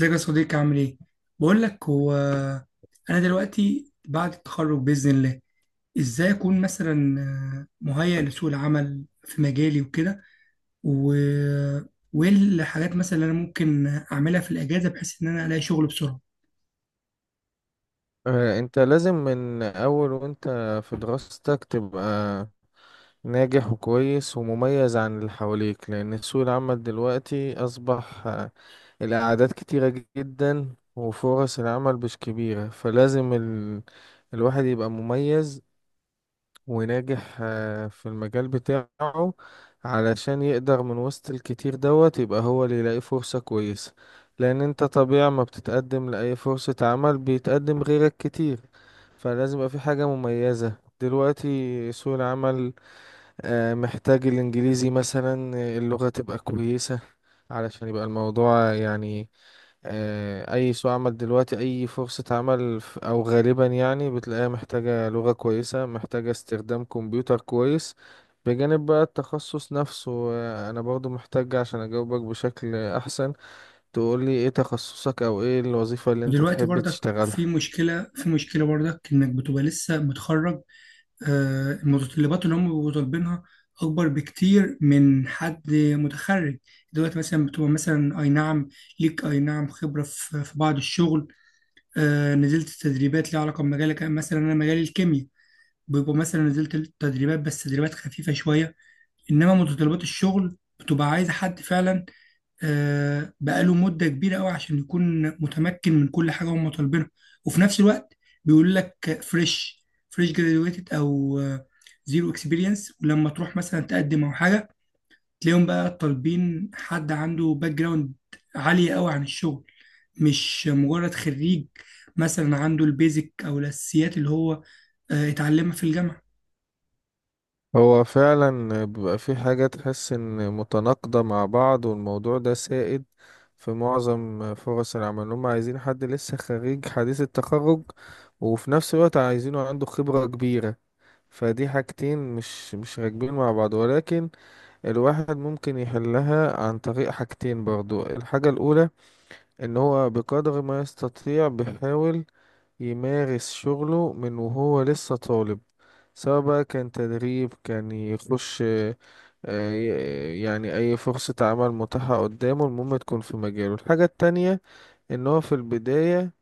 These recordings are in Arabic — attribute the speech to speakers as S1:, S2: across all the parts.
S1: ازيك يا صديقي؟ عامل ايه؟ بقول لك هو انا دلوقتي بعد التخرج باذن الله ازاي اكون مثلا مهيئ لسوق العمل في مجالي وكده و... وايه الحاجات مثلا اللي انا ممكن اعملها في الاجازه بحيث ان انا الاقي شغل بسرعه.
S2: انت لازم من اول وانت في دراستك تبقى ناجح وكويس ومميز عن اللي حواليك، لان سوق العمل دلوقتي اصبح الاعداد كتيرة جدا وفرص العمل مش كبيرة، فلازم الواحد يبقى مميز وناجح في المجال بتاعه علشان يقدر من وسط الكتير دوت يبقى هو اللي يلاقي فرصة كويسة. لأن انت طبيعي ما بتتقدم لأي فرصة عمل بيتقدم غيرك كتير، فلازم يبقى في حاجة مميزة. دلوقتي سوق العمل محتاج الإنجليزي، مثلا اللغة تبقى كويسة علشان يبقى الموضوع يعني اي سوق عمل دلوقتي، اي فرصة عمل او غالبا يعني بتلاقيها محتاجة لغة كويسة، محتاجة استخدام كمبيوتر كويس، بجانب بقى التخصص نفسه. انا برضو محتاج، عشان اجاوبك بشكل احسن، تقولي ايه تخصصك او ايه الوظيفة اللي انت
S1: ودلوقتي
S2: تحب
S1: برضك في
S2: تشتغلها.
S1: مشكله، في مشكله برضك انك بتبقى لسه متخرج. المتطلبات اللي هم بيبقوا طالبينها اكبر بكتير من حد متخرج. دلوقتي مثلا بتبقى مثلا اي نعم، ليك اي نعم خبره في بعض الشغل، نزلت تدريبات ليها علاقه بمجالك. أنا مثلا، مجالي الكيمياء، بيبقى مثلا نزلت تدريبات بس تدريبات خفيفه شويه، انما متطلبات الشغل بتبقى عايزه حد فعلا بقاله مدة كبيرة قوي عشان يكون متمكن من كل حاجة هم طالبينها. وفي نفس الوقت بيقول لك فريش جراديويتد او زيرو اكسبيرينس. ولما تروح مثلا تقدم او حاجة، تلاقيهم بقى طالبين حد عنده باك جراوند عالية قوي عن الشغل، مش مجرد خريج مثلا عنده البيزك او الاساسيات اللي هو اتعلمها في الجامعة.
S2: هو فعلا بيبقى في حاجة تحس ان متناقضة مع بعض، والموضوع ده سائد في معظم فرص العمل. هم عايزين حد لسه خريج حديث التخرج، وفي نفس الوقت عايزينه عنده خبرة كبيرة. فدي حاجتين مش راكبين مع بعض، ولكن الواحد ممكن يحلها عن طريق حاجتين برضو. الحاجة الأولى، ان هو بقدر ما يستطيع بيحاول يمارس شغله من وهو لسه طالب، سواء بقى كان تدريب، كان يخش آه، يعني أي فرصة عمل متاحة قدامه، المهم تكون في مجاله. الحاجة التانية، ان هو في البداية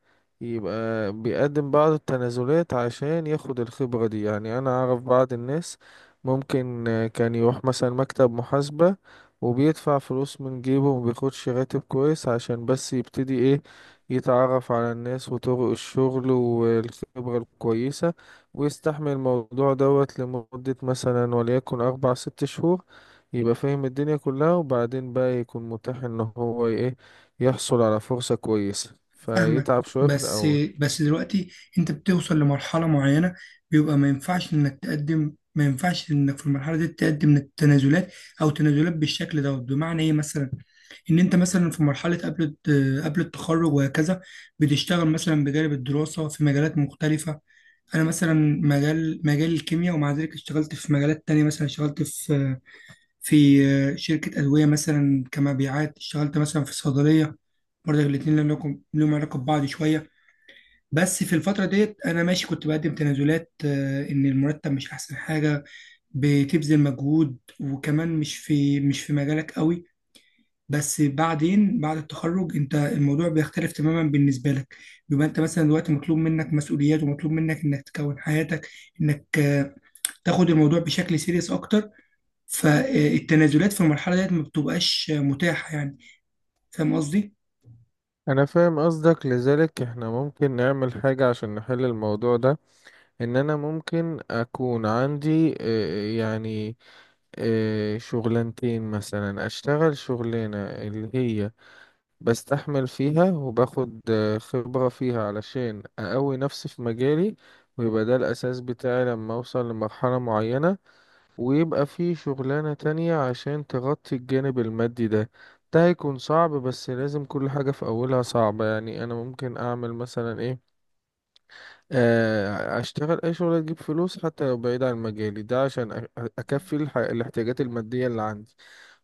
S2: يبقى بيقدم بعض التنازلات عشان ياخد الخبرة دي. يعني انا اعرف بعض الناس ممكن كان يروح مثلا مكتب محاسبة وبيدفع فلوس من جيبه ومبياخدش راتب كويس عشان بس يبتدي ايه، يتعرف على الناس وطرق الشغل والخبرة الكويسة، ويستحمل الموضوع دوت لمدة مثلا وليكن أربع ست شهور، يبقى فاهم الدنيا كلها، وبعدين بقى يكون متاح ان هو ايه، يحصل على فرصة كويسة،
S1: فاهمك.
S2: فيتعب شوية في
S1: بس،
S2: الأول.
S1: بس دلوقتي انت بتوصل لمرحلة معينة بيبقى ما ينفعش انك تقدم، ما ينفعش انك في المرحلة دي تقدم التنازلات او تنازلات بالشكل ده. بمعنى ايه مثلا؟ ان انت مثلا في مرحله قبل التخرج وهكذا بتشتغل مثلا بجانب الدراسه في مجالات مختلفه. انا مثلا مجال الكيمياء، ومع ذلك اشتغلت في مجالات تانية. مثلا اشتغلت في شركة أدوية مثلا كمبيعات، اشتغلت مثلا في صيدلية، برضه الاتنين لهم لهم علاقة ببعض شوية. بس في الفترة ديت أنا ماشي كنت بقدم تنازلات إن المرتب مش أحسن حاجة، بتبذل مجهود، وكمان مش في مجالك قوي. بس بعدين بعد التخرج أنت الموضوع بيختلف تماما بالنسبة لك. بيبقى أنت مثلا دلوقتي مطلوب منك مسؤوليات، ومطلوب منك إنك تكون حياتك، إنك تاخد الموضوع بشكل سيريس أكتر. فالتنازلات في المرحلة ديت ما بتبقاش متاحة يعني. فاهم قصدي؟
S2: أنا فاهم قصدك، لذلك إحنا ممكن نعمل حاجة عشان نحل الموضوع ده. إن أنا ممكن أكون عندي يعني شغلانتين، مثلا أشتغل شغلانة اللي هي بستحمل فيها وباخد خبرة فيها علشان أقوي نفسي في مجالي، ويبقى ده الأساس بتاعي لما أوصل لمرحلة معينة. ويبقى في شغلانة تانية عشان تغطي الجانب المادي ده. ده هيكون صعب، بس لازم، كل حاجة في أولها صعبة. يعني أنا ممكن أعمل مثلا إيه، أشتغل أي شغلة تجيب فلوس حتى لو بعيد عن مجالي، ده عشان أكفي الاحتياجات المادية اللي عندي،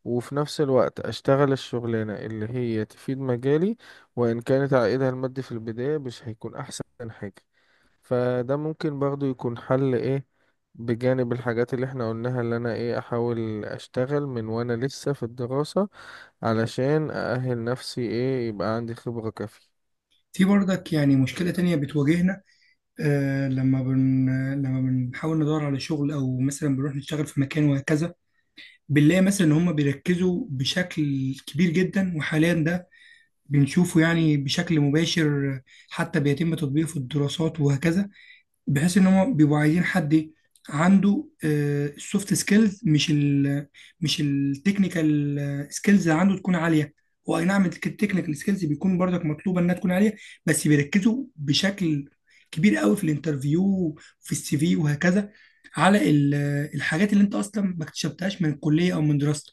S2: وفي نفس الوقت أشتغل الشغلانة اللي هي تفيد مجالي، وإن كانت عائدها المادي في البداية مش هيكون أحسن حاجة. فده ممكن برضو يكون حل ايه، بجانب الحاجات اللي احنا قلناها، اللي انا ايه احاول اشتغل من وانا لسه في الدراسة علشان اأهل نفسي، ايه يبقى عندي خبرة كافية.
S1: في برضك يعني مشكلة تانية بتواجهنا. آه لما بن لما بنحاول ندور على شغل، أو مثلا بنروح نشتغل في مكان وهكذا، بنلاقي مثلا إن هما بيركزوا بشكل كبير جدا، وحاليا ده بنشوفه يعني بشكل مباشر، حتى بيتم تطبيقه في الدراسات وهكذا، بحيث ان هم بيبقوا عايزين حد عنده السوفت سكيلز، مش التكنيكال سكيلز، اللي عنده تكون عاليه. هو اي نعم التكنيكال سكيلز بيكون برضك مطلوبه انها تكون عاليه، بس بيركزوا بشكل كبير قوي في الانترفيو، في السي في وهكذا على الحاجات اللي انت اصلا ما اكتسبتهاش من الكليه او من دراستك.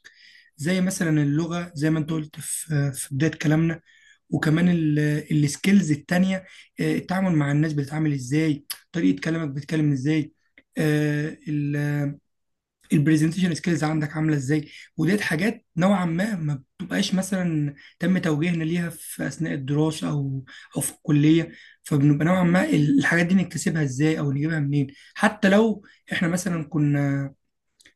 S1: زي مثلا اللغه، زي ما انت قلت في بدايه كلامنا، وكمان السكيلز التانية. التعامل مع الناس بتتعامل ازاي، طريقة كلامك بتتكلم ازاي، آه، ال- البرزنتيشن سكيلز عندك عاملة ازاي. وديت حاجات نوعا ما ما بتبقاش مثلا تم توجيهنا ليها في أثناء الدراسة، أو أو في الكلية. فبنبقى نوعا ما الحاجات دي نكتسبها ازاي أو نجيبها منين؟ حتى لو احنا مثلا كنا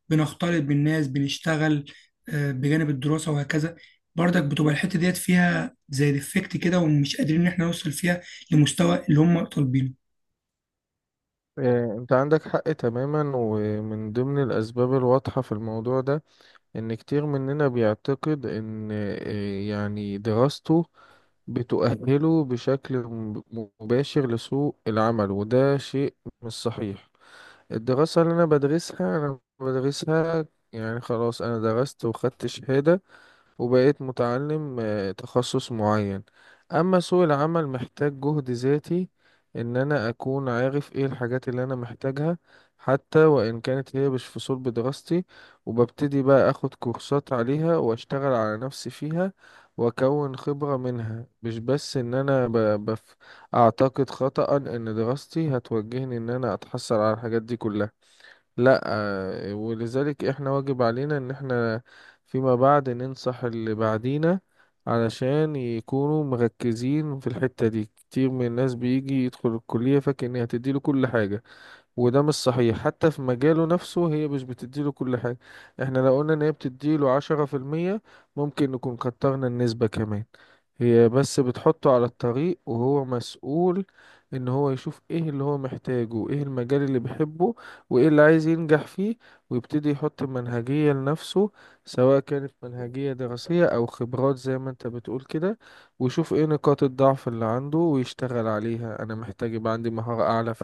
S1: بنختلط بالناس، بنشتغل بجانب الدراسة وهكذا، برضك بتبقى الحتة ديت فيها زي ديفكت كده، ومش قادرين إن احنا نوصل فيها لمستوى اللي هم طالبينه.
S2: إيه، انت عندك حق تماما. ومن ضمن الاسباب الواضحة في الموضوع ده ان كتير مننا بيعتقد ان إيه يعني دراسته بتؤهله بشكل مباشر لسوق العمل، وده شيء مش صحيح. الدراسة اللي أنا بدرسها أنا بدرسها يعني خلاص، أنا درست وخدت شهادة وبقيت متعلم تخصص معين. أما سوق العمل محتاج جهد ذاتي، إن أنا أكون عارف إيه الحاجات اللي أنا محتاجها، حتى وإن كانت هي مش في صلب دراستي، وببتدي بقى أخد كورسات عليها وأشتغل على نفسي فيها وأكون خبرة منها. مش بس إن أنا أعتقد خطأ إن دراستي هتوجهني إن أنا أتحصل على الحاجات دي كلها. لا. ولذلك احنا واجب علينا ان احنا فيما بعد ننصح اللي بعدينا علشان يكونوا مركزين في الحتة دي. كتير من الناس بيجي يدخل الكلية فاكر ان هتديله كل حاجة، وده مش صحيح. حتى في مجاله نفسه هي مش بتديله كل حاجة. احنا لو قلنا ان هي بتديله 10% ممكن نكون كترنا النسبة كمان. هي بس بتحطه على الطريق، وهو مسؤول ان هو يشوف ايه اللي هو محتاجه، ايه المجال اللي بيحبه، وايه اللي عايز ينجح فيه، ويبتدي يحط منهجية لنفسه، سواء كانت منهجية دراسية او خبرات زي ما انت بتقول كده. ويشوف ايه نقاط الضعف اللي عنده ويشتغل عليها. انا محتاج يبقى عندي مهارة اعلى في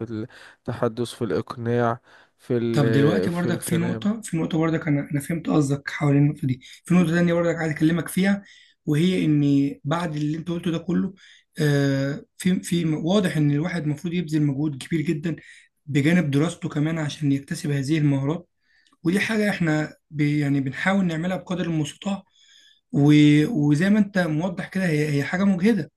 S2: تحدث، في الإقناع، في
S1: طب دلوقتي
S2: ال في
S1: برضك في
S2: الكلام.
S1: نقطة، في نقطة برضك. أنا فهمت قصدك حوالين النقطة دي. في نقطة تانية برضك عايز أكلمك فيها، وهي إن بعد اللي أنت قلته ده كله، في واضح إن الواحد المفروض يبذل مجهود كبير جدا بجانب دراسته كمان عشان يكتسب هذه المهارات. ودي حاجة احنا يعني بنحاول نعملها بقدر المستطاع. وزي ما انت موضح كده، هي حاجه مجهده.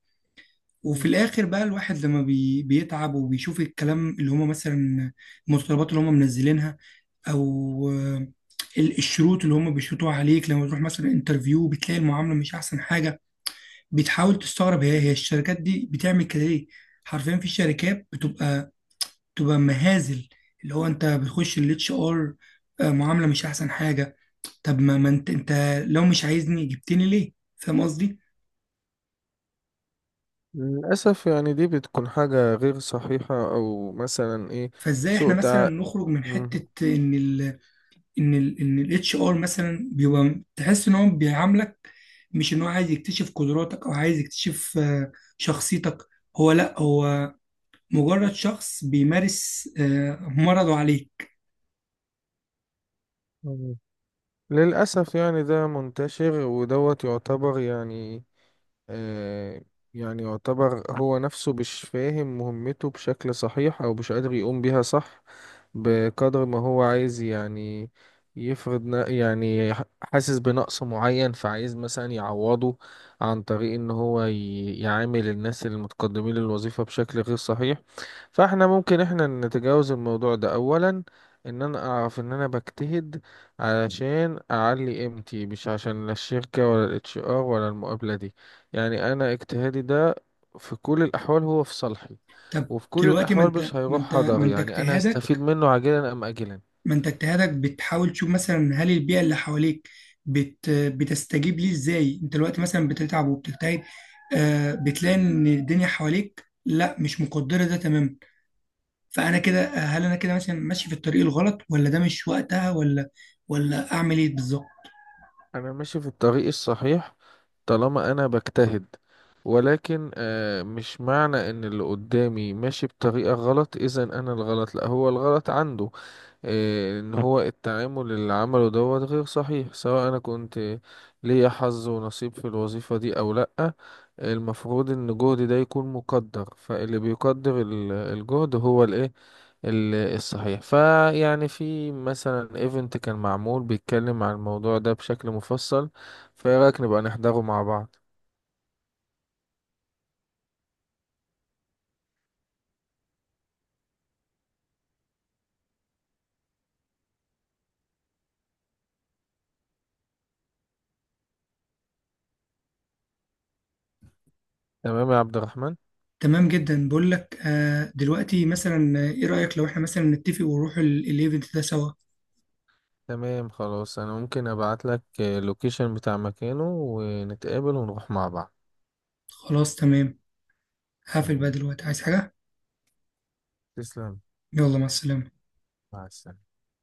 S1: وفي
S2: مم.
S1: الاخر بقى الواحد لما بيتعب وبيشوف الكلام اللي هم مثلا المتطلبات اللي هم منزلينها، او آه، الشروط اللي هم بيشروطوها عليك لما تروح مثلا انترفيو، بتلاقي المعامله مش احسن حاجه. بتحاول تستغرب، هي الشركات دي بتعمل كده ليه؟ حرفيا في شركات بتبقى مهازل. اللي هو انت بتخش الاتش ار، معامله مش احسن حاجه. طب ما انت انت لو مش عايزني جبتني ليه؟ فاهم قصدي؟
S2: للأسف يعني دي بتكون حاجة غير صحيحة، أو مثلا إيه،
S1: فازاي احنا
S2: سوء
S1: مثلا
S2: تع...
S1: نخرج من
S2: مم.
S1: حته ان ان ال ان الاتش ار مثلا بيبقى تحس ان هو بيعاملك مش ان هو عايز يكتشف قدراتك، او عايز يكتشف شخصيتك؟ هو لا هو مجرد شخص بيمارس مرضه عليك.
S2: مم. للأسف يعني ده منتشر، ودوت يعتبر يعني آه، يعني يعتبر هو نفسه مش فاهم مهمته بشكل صحيح، أو مش قادر يقوم بيها صح بقدر ما هو عايز. يعني يفرض يعني حاسس بنقص معين فعايز مثلا يعوضه عن طريق ان هو يعامل الناس المتقدمين للوظيفة بشكل غير صحيح. فاحنا ممكن احنا نتجاوز الموضوع ده. اولا ان انا اعرف ان انا بجتهد علشان اعلي قيمتي، مش عشان لا الشركة، ولا الاتش ار، ولا المقابلة دي. يعني انا اجتهادي ده في كل الاحوال هو في صالحي،
S1: طب
S2: وفي كل
S1: دلوقتي
S2: الاحوال مش هيروح
S1: ما
S2: هدر،
S1: انت
S2: يعني انا هستفيد
S1: اجتهادك
S2: منه عاجلا ام اجلا.
S1: ما انت اجتهادك بتحاول تشوف مثلا هل البيئه اللي حواليك بتستجيب ليه ازاي. انت دلوقتي مثلا بتتعب وبتجتهد، بتلاقي ان الدنيا حواليك لا، مش مقدره ده تماما. فانا كده، هل انا كده مثلا ماشي في الطريق الغلط، ولا ده مش وقتها، ولا اعمل ايه بالظبط؟
S2: انا ماشي في الطريق الصحيح طالما انا بجتهد. ولكن مش معنى ان اللي قدامي ماشي بطريقة غلط اذا انا الغلط، لا، هو الغلط عنده. إيه، ان هو التعامل اللي عمله دوت غير صحيح، سواء انا كنت ليا حظ ونصيب في الوظيفة دي او لأ، المفروض ان جهدي ده يكون مقدر. فاللي بيقدر الجهد هو الايه الصحيح. فيعني في مثلا ايفنت كان معمول بيتكلم عن الموضوع ده بشكل مفصل، فايه رأيك نبقى نحضره مع بعض؟ تمام يا عبد الرحمن؟
S1: تمام جدا. بقول لك دلوقتي مثلا، ايه رايك لو احنا مثلا نتفق ونروح الايفنت ده سوا؟
S2: تمام، خلاص، انا ممكن ابعت لك اللوكيشن بتاع مكانه ونتقابل ونروح مع بعض.
S1: خلاص تمام. هقفل بقى
S2: تمام،
S1: دلوقتي، عايز حاجه؟
S2: تسلم.
S1: يلا، مع السلامه.
S2: مع السلامة.